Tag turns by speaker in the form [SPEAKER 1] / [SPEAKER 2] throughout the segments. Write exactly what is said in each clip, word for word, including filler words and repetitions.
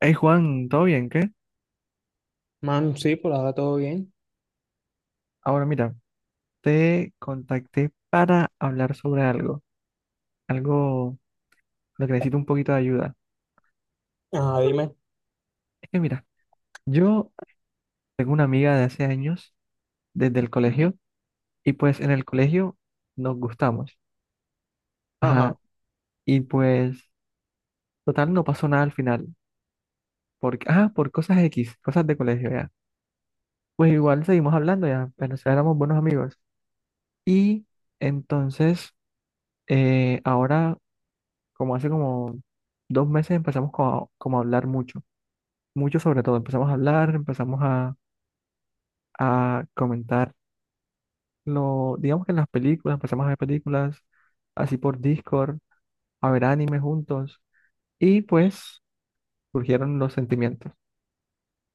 [SPEAKER 1] Hey Juan, ¿todo bien? ¿Qué?
[SPEAKER 2] Man, sí, por ahora todo bien.
[SPEAKER 1] Ahora mira, te contacté para hablar sobre algo, algo lo que necesito un poquito de ayuda.
[SPEAKER 2] Ajá, dime.
[SPEAKER 1] Es que mira, yo tengo una amiga de hace años, desde el colegio, y pues en el colegio nos gustamos. Ajá,
[SPEAKER 2] Ajá.
[SPEAKER 1] y pues total no pasó nada al final, porque, ah, por cosas X, cosas de colegio ya. Pues igual seguimos hablando ya, pero o sea, éramos buenos amigos. Y entonces, eh, ahora, como hace como dos meses empezamos como a, como a hablar mucho, mucho sobre todo. Empezamos a hablar, empezamos a, a comentar lo, digamos que en las películas, empezamos a ver películas así por Discord, a ver anime juntos y pues surgieron los sentimientos,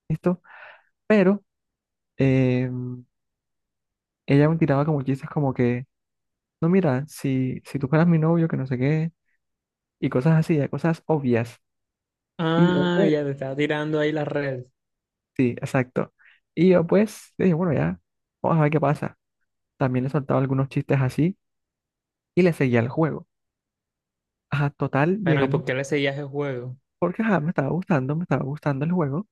[SPEAKER 1] ¿listo? Pero eh, ella me tiraba como chistes como que, no, mira, si, si tú fueras mi novio, que no sé qué, y cosas así, eh, cosas obvias. Y yo
[SPEAKER 2] Ah,
[SPEAKER 1] pues,
[SPEAKER 2] ya te estaba tirando ahí la red.
[SPEAKER 1] sí, exacto. Y yo pues, dije, bueno, ya, vamos a ver qué pasa. También le soltaba algunos chistes así y le seguía el juego. Ajá, total,
[SPEAKER 2] Pero ¿y por
[SPEAKER 1] llegamos
[SPEAKER 2] qué le seguías el juego?
[SPEAKER 1] porque ajá, me estaba gustando, me estaba gustando el juego,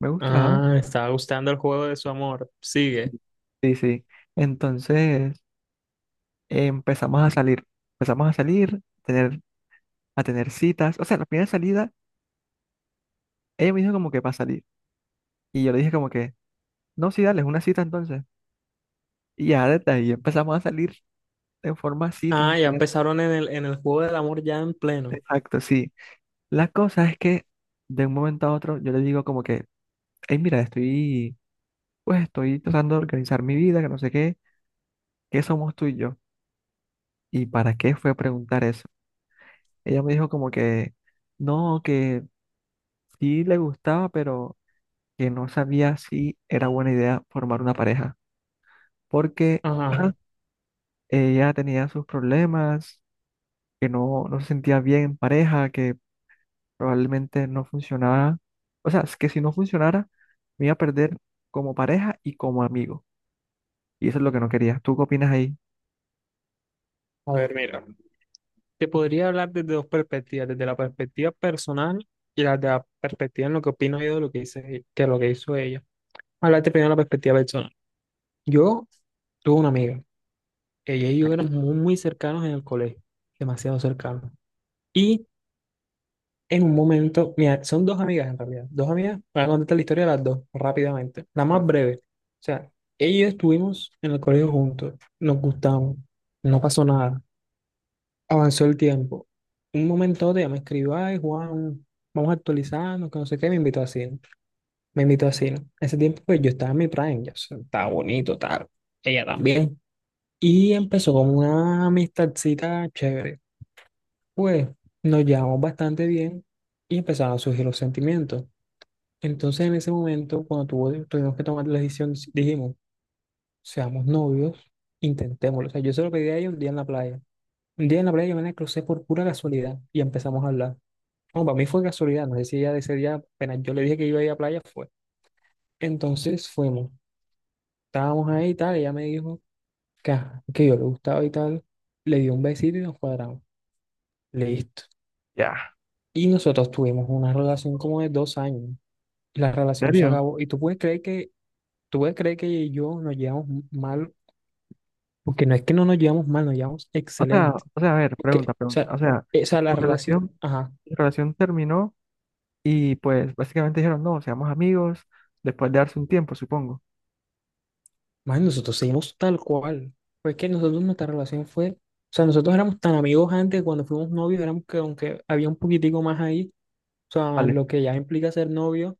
[SPEAKER 1] me gustaba.
[SPEAKER 2] Ah, estaba gustando el juego de su amor. Sigue.
[SPEAKER 1] Sí, sí. Entonces eh, empezamos a salir, empezamos a salir, tener, a tener citas. O sea, la primera salida, ella me dijo como que para salir. Y yo le dije como que, no, sí, dale, es una cita entonces. Y ya desde ahí empezamos a salir en forma cita, en
[SPEAKER 2] Ah, ya
[SPEAKER 1] plan,
[SPEAKER 2] empezaron en el, en el juego del amor ya en pleno.
[SPEAKER 1] exacto, sí. La cosa es que de un momento a otro yo le digo como que, hey, mira, estoy pues estoy tratando de organizar mi vida, que no sé qué, qué somos tú y yo. ¿Y para qué fue a preguntar eso? Ella me dijo como que no, que sí le gustaba, pero que no sabía si era buena idea formar una pareja, porque ajá,
[SPEAKER 2] Ajá.
[SPEAKER 1] ella tenía sus problemas, que no, no se sentía bien en pareja, que probablemente no funcionaba, o sea, es que si no funcionara, me iba a perder como pareja y como amigo. Y eso es lo que no quería. ¿Tú qué opinas ahí?
[SPEAKER 2] A ver, mira. Te podría hablar desde dos perspectivas, desde la perspectiva personal y la de la perspectiva en lo que opino yo de lo que hice, que lo que hizo ella. Hablarte primero de la perspectiva personal. Yo tuve una amiga. Ella y yo éramos muy, muy cercanos en el colegio, demasiado cercanos. Y en un momento, mira, son dos amigas en realidad. Dos amigas, voy a contarte la historia de las dos rápidamente. La más breve. O sea, ellas estuvimos en el colegio juntos, nos gustamos, no pasó nada, avanzó el tiempo. Un momento de ella me escribió, ay, Juan, vamos a actualizarnos, que no sé qué, me invitó a cine. Me invitó a cine. Ese tiempo, pues yo estaba en mi prime, ya, o sea, estaba bonito, tal. Ella también. Y empezó como una amistadcita chévere. Pues nos llevamos bastante bien y empezaron a surgir los sentimientos. Entonces en ese momento, cuando tuvo- tuvimos que tomar la decisión, dijimos, seamos novios, intentémoslo. O sea, yo se lo pedí a ella un día en la playa. Un día en la playa yo me la crucé por pura casualidad y empezamos a hablar. No, para mí fue casualidad, no sé si ella de ese día, apenas yo le dije que iba a ir a la playa, fue. Entonces fuimos, estábamos ahí y tal, ella me dijo que, ajá, que yo le gustaba y tal, le di un besito y nos cuadramos. Listo.
[SPEAKER 1] Ya.
[SPEAKER 2] Y nosotros tuvimos una relación como de dos años. La
[SPEAKER 1] ¿En
[SPEAKER 2] relación se
[SPEAKER 1] serio?
[SPEAKER 2] acabó. Y tú puedes creer que, tú puedes creer que ella y yo nos llevamos m- mal, porque no es que no nos llevamos mal, nos llevamos
[SPEAKER 1] O sea,
[SPEAKER 2] excelente.
[SPEAKER 1] o sea, a ver,
[SPEAKER 2] Porque, o
[SPEAKER 1] pregunta,
[SPEAKER 2] sea,
[SPEAKER 1] pregunta. O sea,
[SPEAKER 2] eh, o sea la
[SPEAKER 1] su
[SPEAKER 2] relación,
[SPEAKER 1] relación,
[SPEAKER 2] ajá,
[SPEAKER 1] su relación terminó y pues básicamente dijeron, no, seamos amigos después de darse un tiempo, supongo.
[SPEAKER 2] más nosotros seguimos tal cual. Pues que nosotros nuestra relación fue, o sea, nosotros éramos tan amigos antes, cuando fuimos novios, éramos que aunque había un poquitico más ahí, o sea,
[SPEAKER 1] Vale.
[SPEAKER 2] lo que ya implica ser novio.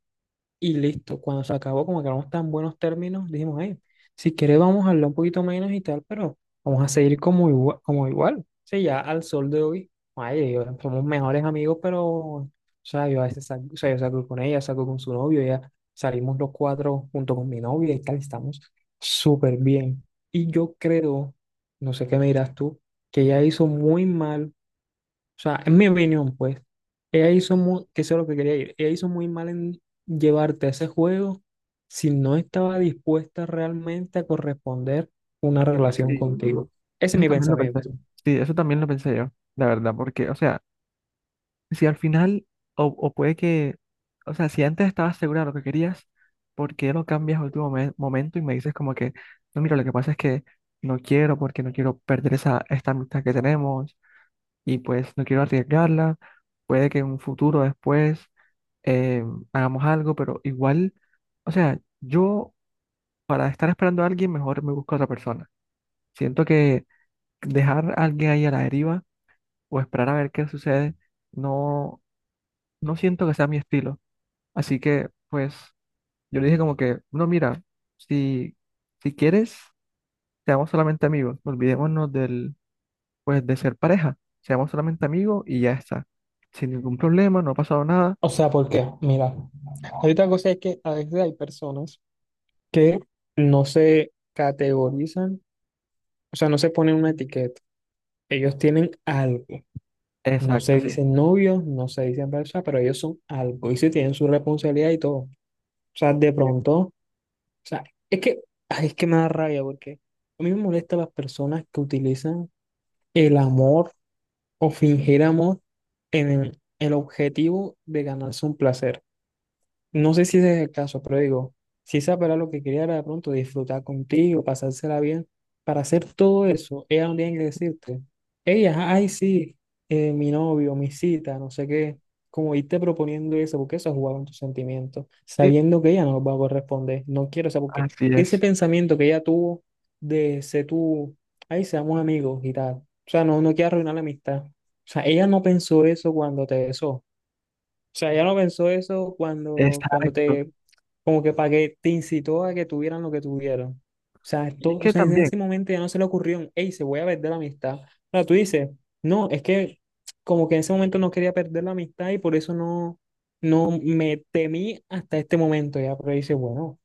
[SPEAKER 2] Y listo, cuando se acabó, como quedamos tan buenos términos, dijimos, ay, si quieres vamos a hablar un poquito menos y tal, pero vamos a seguir como igual, como igual. Sí, ya al sol de hoy, ay, yo- somos mejores amigos, pero, o sea, yo a veces salgo, o sea, yo salgo con ella, salgo con su novio, ya salimos los cuatro junto con mi novia y tal, estamos súper bien. Y yo creo, no sé qué me dirás tú, que ella hizo muy mal, o sea, en mi opinión, pues, ella hizo muy, que eso es lo que quería ir, ella hizo muy mal en llevarte a ese juego si no estaba dispuesta realmente a corresponder una
[SPEAKER 1] Es que
[SPEAKER 2] relación
[SPEAKER 1] Sí,
[SPEAKER 2] contigo. Ese es
[SPEAKER 1] eso
[SPEAKER 2] mi
[SPEAKER 1] también lo pensé.
[SPEAKER 2] pensamiento.
[SPEAKER 1] Sí, eso también lo pensé yo, la verdad, porque, o sea, si al final, o, o puede que, o sea, si antes estabas segura de lo que querías, ¿por qué lo cambias al último me- momento y me dices como que, no, mira, lo que pasa es que no quiero porque no quiero perder esa, esta amistad que tenemos? Y pues no quiero arriesgarla. Puede que en un futuro después eh, hagamos algo, pero igual, o sea, yo para estar esperando a alguien, mejor me busco a otra persona. Siento que dejar a alguien ahí a la deriva o esperar a ver qué sucede, no, no siento que sea mi estilo. Así que, pues, yo le dije como que, no, mira, si, si quieres, seamos solamente amigos, olvidémonos del, pues, de ser pareja, seamos solamente amigos y ya está, sin ningún problema, no ha pasado nada.
[SPEAKER 2] O sea, porque, mira, hay otra cosa es que a veces hay personas que no se categorizan, o sea, no se ponen una etiqueta. Ellos tienen algo. No
[SPEAKER 1] Exacto,
[SPEAKER 2] se
[SPEAKER 1] sí.
[SPEAKER 2] dicen novios, no se dicen pareja, pero ellos son algo y sí tienen su responsabilidad y todo. O sea, de
[SPEAKER 1] Sí.
[SPEAKER 2] pronto. O sea, es que, ay, es que me da rabia porque a mí me molesta las personas que utilizan el amor o fingir amor en el, el, objetivo de ganarse un placer. No sé si ese es el caso, pero digo, si esa era lo que quería era de pronto disfrutar contigo, pasársela bien, para hacer todo eso, ella no tiene que decirte, ella, ay, sí, eh, mi novio, mi cita, no sé qué, como irte proponiendo eso, porque eso es jugar con tus sentimientos,
[SPEAKER 1] Sí,
[SPEAKER 2] sabiendo que ella no va a corresponder, no quiero, o sea, porque
[SPEAKER 1] así
[SPEAKER 2] ese
[SPEAKER 1] es.
[SPEAKER 2] pensamiento que ella tuvo de ser tú, ay, seamos amigos y tal, o sea, no, no quiero arruinar la amistad, o sea, ella no pensó eso cuando te besó, sea, ella no pensó eso cuando, cuando
[SPEAKER 1] Exacto.
[SPEAKER 2] te, como que para que te incitó a que tuvieran lo que tuvieron. O sea,
[SPEAKER 1] Y es
[SPEAKER 2] esto, o
[SPEAKER 1] que
[SPEAKER 2] sea, en
[SPEAKER 1] también,
[SPEAKER 2] ese momento ya no se le ocurrió, hey, se voy a perder la amistad. Ahora tú dices, no, es que como que en ese momento no quería perder la amistad y por eso no, no me temí hasta este momento ya, pero dice, bueno.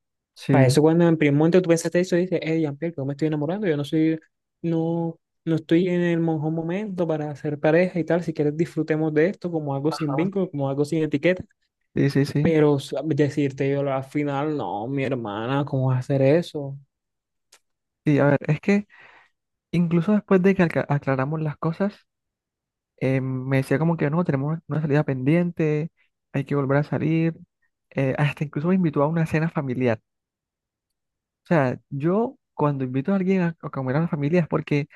[SPEAKER 2] Para
[SPEAKER 1] sí.
[SPEAKER 2] eso cuando en primer momento tú pensaste eso, dices, eh, Jean-Pierre, que yo me estoy enamorando, yo no soy, no, no estoy en el mejor momento para hacer pareja y tal, si quieres disfrutemos de esto como algo sin
[SPEAKER 1] Ajá.
[SPEAKER 2] vínculo, como algo sin etiqueta,
[SPEAKER 1] Sí, sí, sí.
[SPEAKER 2] pero s- decirte yo al final, no, mi hermana, ¿cómo vas a hacer eso?
[SPEAKER 1] Sí, a ver, es que incluso después de que alca- aclaramos las cosas, eh, me decía como que no, tenemos una salida pendiente, hay que volver a salir. Eh, hasta incluso me invitó a una cena familiar. O sea, yo cuando invito a alguien a, a comer a una familia es porque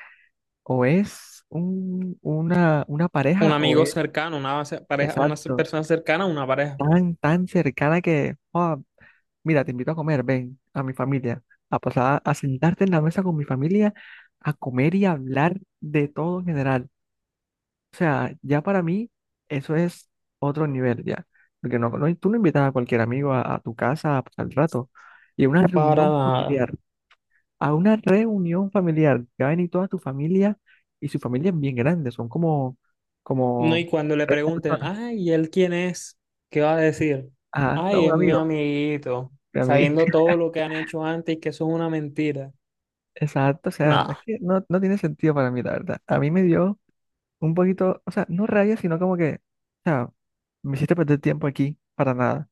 [SPEAKER 1] o es un- una, una
[SPEAKER 2] Un
[SPEAKER 1] pareja o
[SPEAKER 2] amigo
[SPEAKER 1] es,
[SPEAKER 2] cercano, una ce- pareja, una ce-
[SPEAKER 1] exacto,
[SPEAKER 2] persona cercana, una pareja,
[SPEAKER 1] tan, tan cercana que, mira, te invito a comer, ven a mi familia, a pasar a sentarte en la mesa con mi familia, a comer y a hablar de todo en general. O sea, ya para mí eso es otro nivel ya, porque no, no- tú no invitas a cualquier amigo a, a tu casa a pasar el rato. Y a una
[SPEAKER 2] para
[SPEAKER 1] reunión
[SPEAKER 2] nada.
[SPEAKER 1] familiar, a una reunión familiar, que va a venir toda tu familia y su familia es bien grande, son como,
[SPEAKER 2] No,
[SPEAKER 1] como
[SPEAKER 2] y cuando le
[SPEAKER 1] treinta
[SPEAKER 2] pregunten,
[SPEAKER 1] personas.
[SPEAKER 2] ay, ¿y él quién es? ¿Qué va a decir?
[SPEAKER 1] Ah, no,
[SPEAKER 2] Ay,
[SPEAKER 1] un
[SPEAKER 2] es mi
[SPEAKER 1] amigo,
[SPEAKER 2] amiguito,
[SPEAKER 1] a mí,
[SPEAKER 2] sabiendo todo lo que han hecho antes y que eso es una mentira.
[SPEAKER 1] exacto, o sea, no es
[SPEAKER 2] No,
[SPEAKER 1] que no, no tiene sentido para mí, la verdad. A mí me dio un poquito, o sea, no rabia, sino como que, o sea, me hiciste perder tiempo aquí para nada.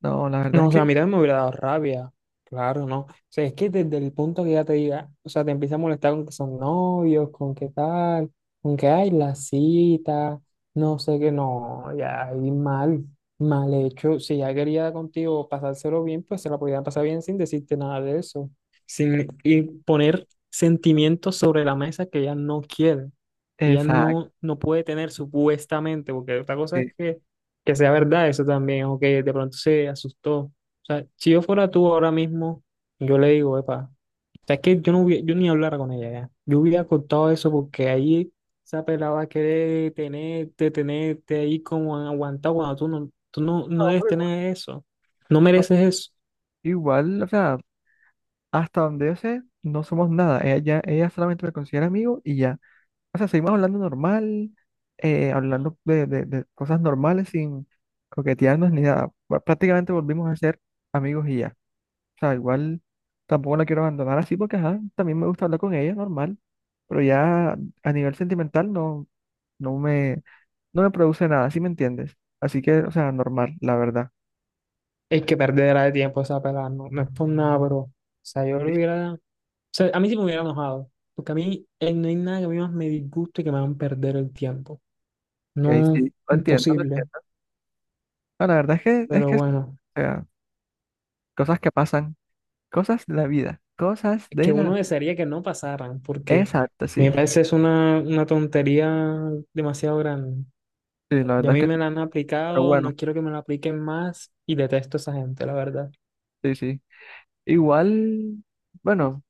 [SPEAKER 1] No, la verdad es
[SPEAKER 2] no, o
[SPEAKER 1] que,
[SPEAKER 2] sea, a mí también me hubiera dado rabia, claro, ¿no? O sea, es que desde el punto que ya te diga, o sea, te empieza a molestar con que son novios, con qué tal, con que hay la cita, no sé qué, no, ya ahí mal, mal hecho. Si ya quería contigo pasárselo bien, pues se la podía pasar bien sin decirte nada de eso, sin y poner sentimientos sobre la mesa que ella no quiere, que ella
[SPEAKER 1] exacto.
[SPEAKER 2] no, no puede tener supuestamente, porque otra cosa es
[SPEAKER 1] Sí.
[SPEAKER 2] que que sea verdad eso también, o que de pronto se asustó. O sea, si yo fuera tú ahora mismo, yo le digo, epa, o sea, es que yo no hubiera, yo ni hablara con ella ya. Yo hubiera contado eso porque ahí esa pelada va a querer tenerte, tenerte ahí como aguantado cuando tú no, tú no, no
[SPEAKER 1] No,
[SPEAKER 2] debes
[SPEAKER 1] pero igual,
[SPEAKER 2] tener eso. No
[SPEAKER 1] no,
[SPEAKER 2] mereces eso.
[SPEAKER 1] igual, o sea, hasta donde yo sé, no somos nada. Ella, ya- ella solamente me considera amigo y ya. O sea, seguimos hablando normal, eh, hablando de, de- de cosas normales sin coquetearnos ni nada. Pr- Prácticamente volvimos a ser amigos y ya. O sea, igual tampoco la quiero abandonar así porque, ajá, también me gusta hablar con ella, normal. Pero ya a nivel sentimental no, no me, no me produce nada, ¿sí me entiendes? Así que, o sea, normal, la verdad.
[SPEAKER 2] Es que perderá de tiempo esa pelada, no, no es por nada, pero, o sea, yo lo
[SPEAKER 1] Es
[SPEAKER 2] hubiera, o sea, a mí sí me hubiera enojado, porque a mí eh, no hay nada que a mí más me disguste que me hagan perder el tiempo.
[SPEAKER 1] que ahí
[SPEAKER 2] No,
[SPEAKER 1] sí, lo entiendo, lo
[SPEAKER 2] imposible,
[SPEAKER 1] entiendo. No, la verdad es que, es
[SPEAKER 2] pero
[SPEAKER 1] que, o
[SPEAKER 2] bueno,
[SPEAKER 1] sea, cosas que pasan, cosas de la vida, cosas
[SPEAKER 2] que
[SPEAKER 1] de la
[SPEAKER 2] uno
[SPEAKER 1] vida.
[SPEAKER 2] desearía que no pasaran, porque
[SPEAKER 1] Exacto,
[SPEAKER 2] me
[SPEAKER 1] sí.
[SPEAKER 2] parece es una, una, tontería demasiado grande.
[SPEAKER 1] Sí, la
[SPEAKER 2] Y a
[SPEAKER 1] verdad
[SPEAKER 2] mí
[SPEAKER 1] es
[SPEAKER 2] me
[SPEAKER 1] que sí.
[SPEAKER 2] la han
[SPEAKER 1] Pero
[SPEAKER 2] aplicado,
[SPEAKER 1] bueno,
[SPEAKER 2] no quiero que me la apliquen más y detesto a esa gente, la verdad.
[SPEAKER 1] sí, sí. Igual, bueno,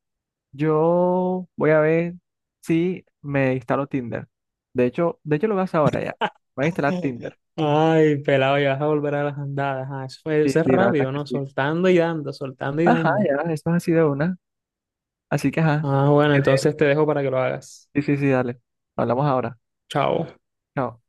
[SPEAKER 1] yo voy a ver si me instalo Tinder. De hecho, de hecho lo vas ahora ya. Voy a instalar Tinder.
[SPEAKER 2] Ay, pelado, ya vas a volver a las andadas. Ah, eso fue,
[SPEAKER 1] Sí,
[SPEAKER 2] eso es
[SPEAKER 1] sí, la verdad es
[SPEAKER 2] rápido, ¿no?
[SPEAKER 1] que sí.
[SPEAKER 2] Soltando y dando, soltando y
[SPEAKER 1] Ajá,
[SPEAKER 2] dando.
[SPEAKER 1] ya, eso es así de una. Así que, ajá.
[SPEAKER 2] Ah,
[SPEAKER 1] Si
[SPEAKER 2] bueno,
[SPEAKER 1] quieres,
[SPEAKER 2] entonces te dejo para que lo hagas.
[SPEAKER 1] sí, sí, sí, dale. Hablamos ahora.
[SPEAKER 2] Chao.
[SPEAKER 1] Chao.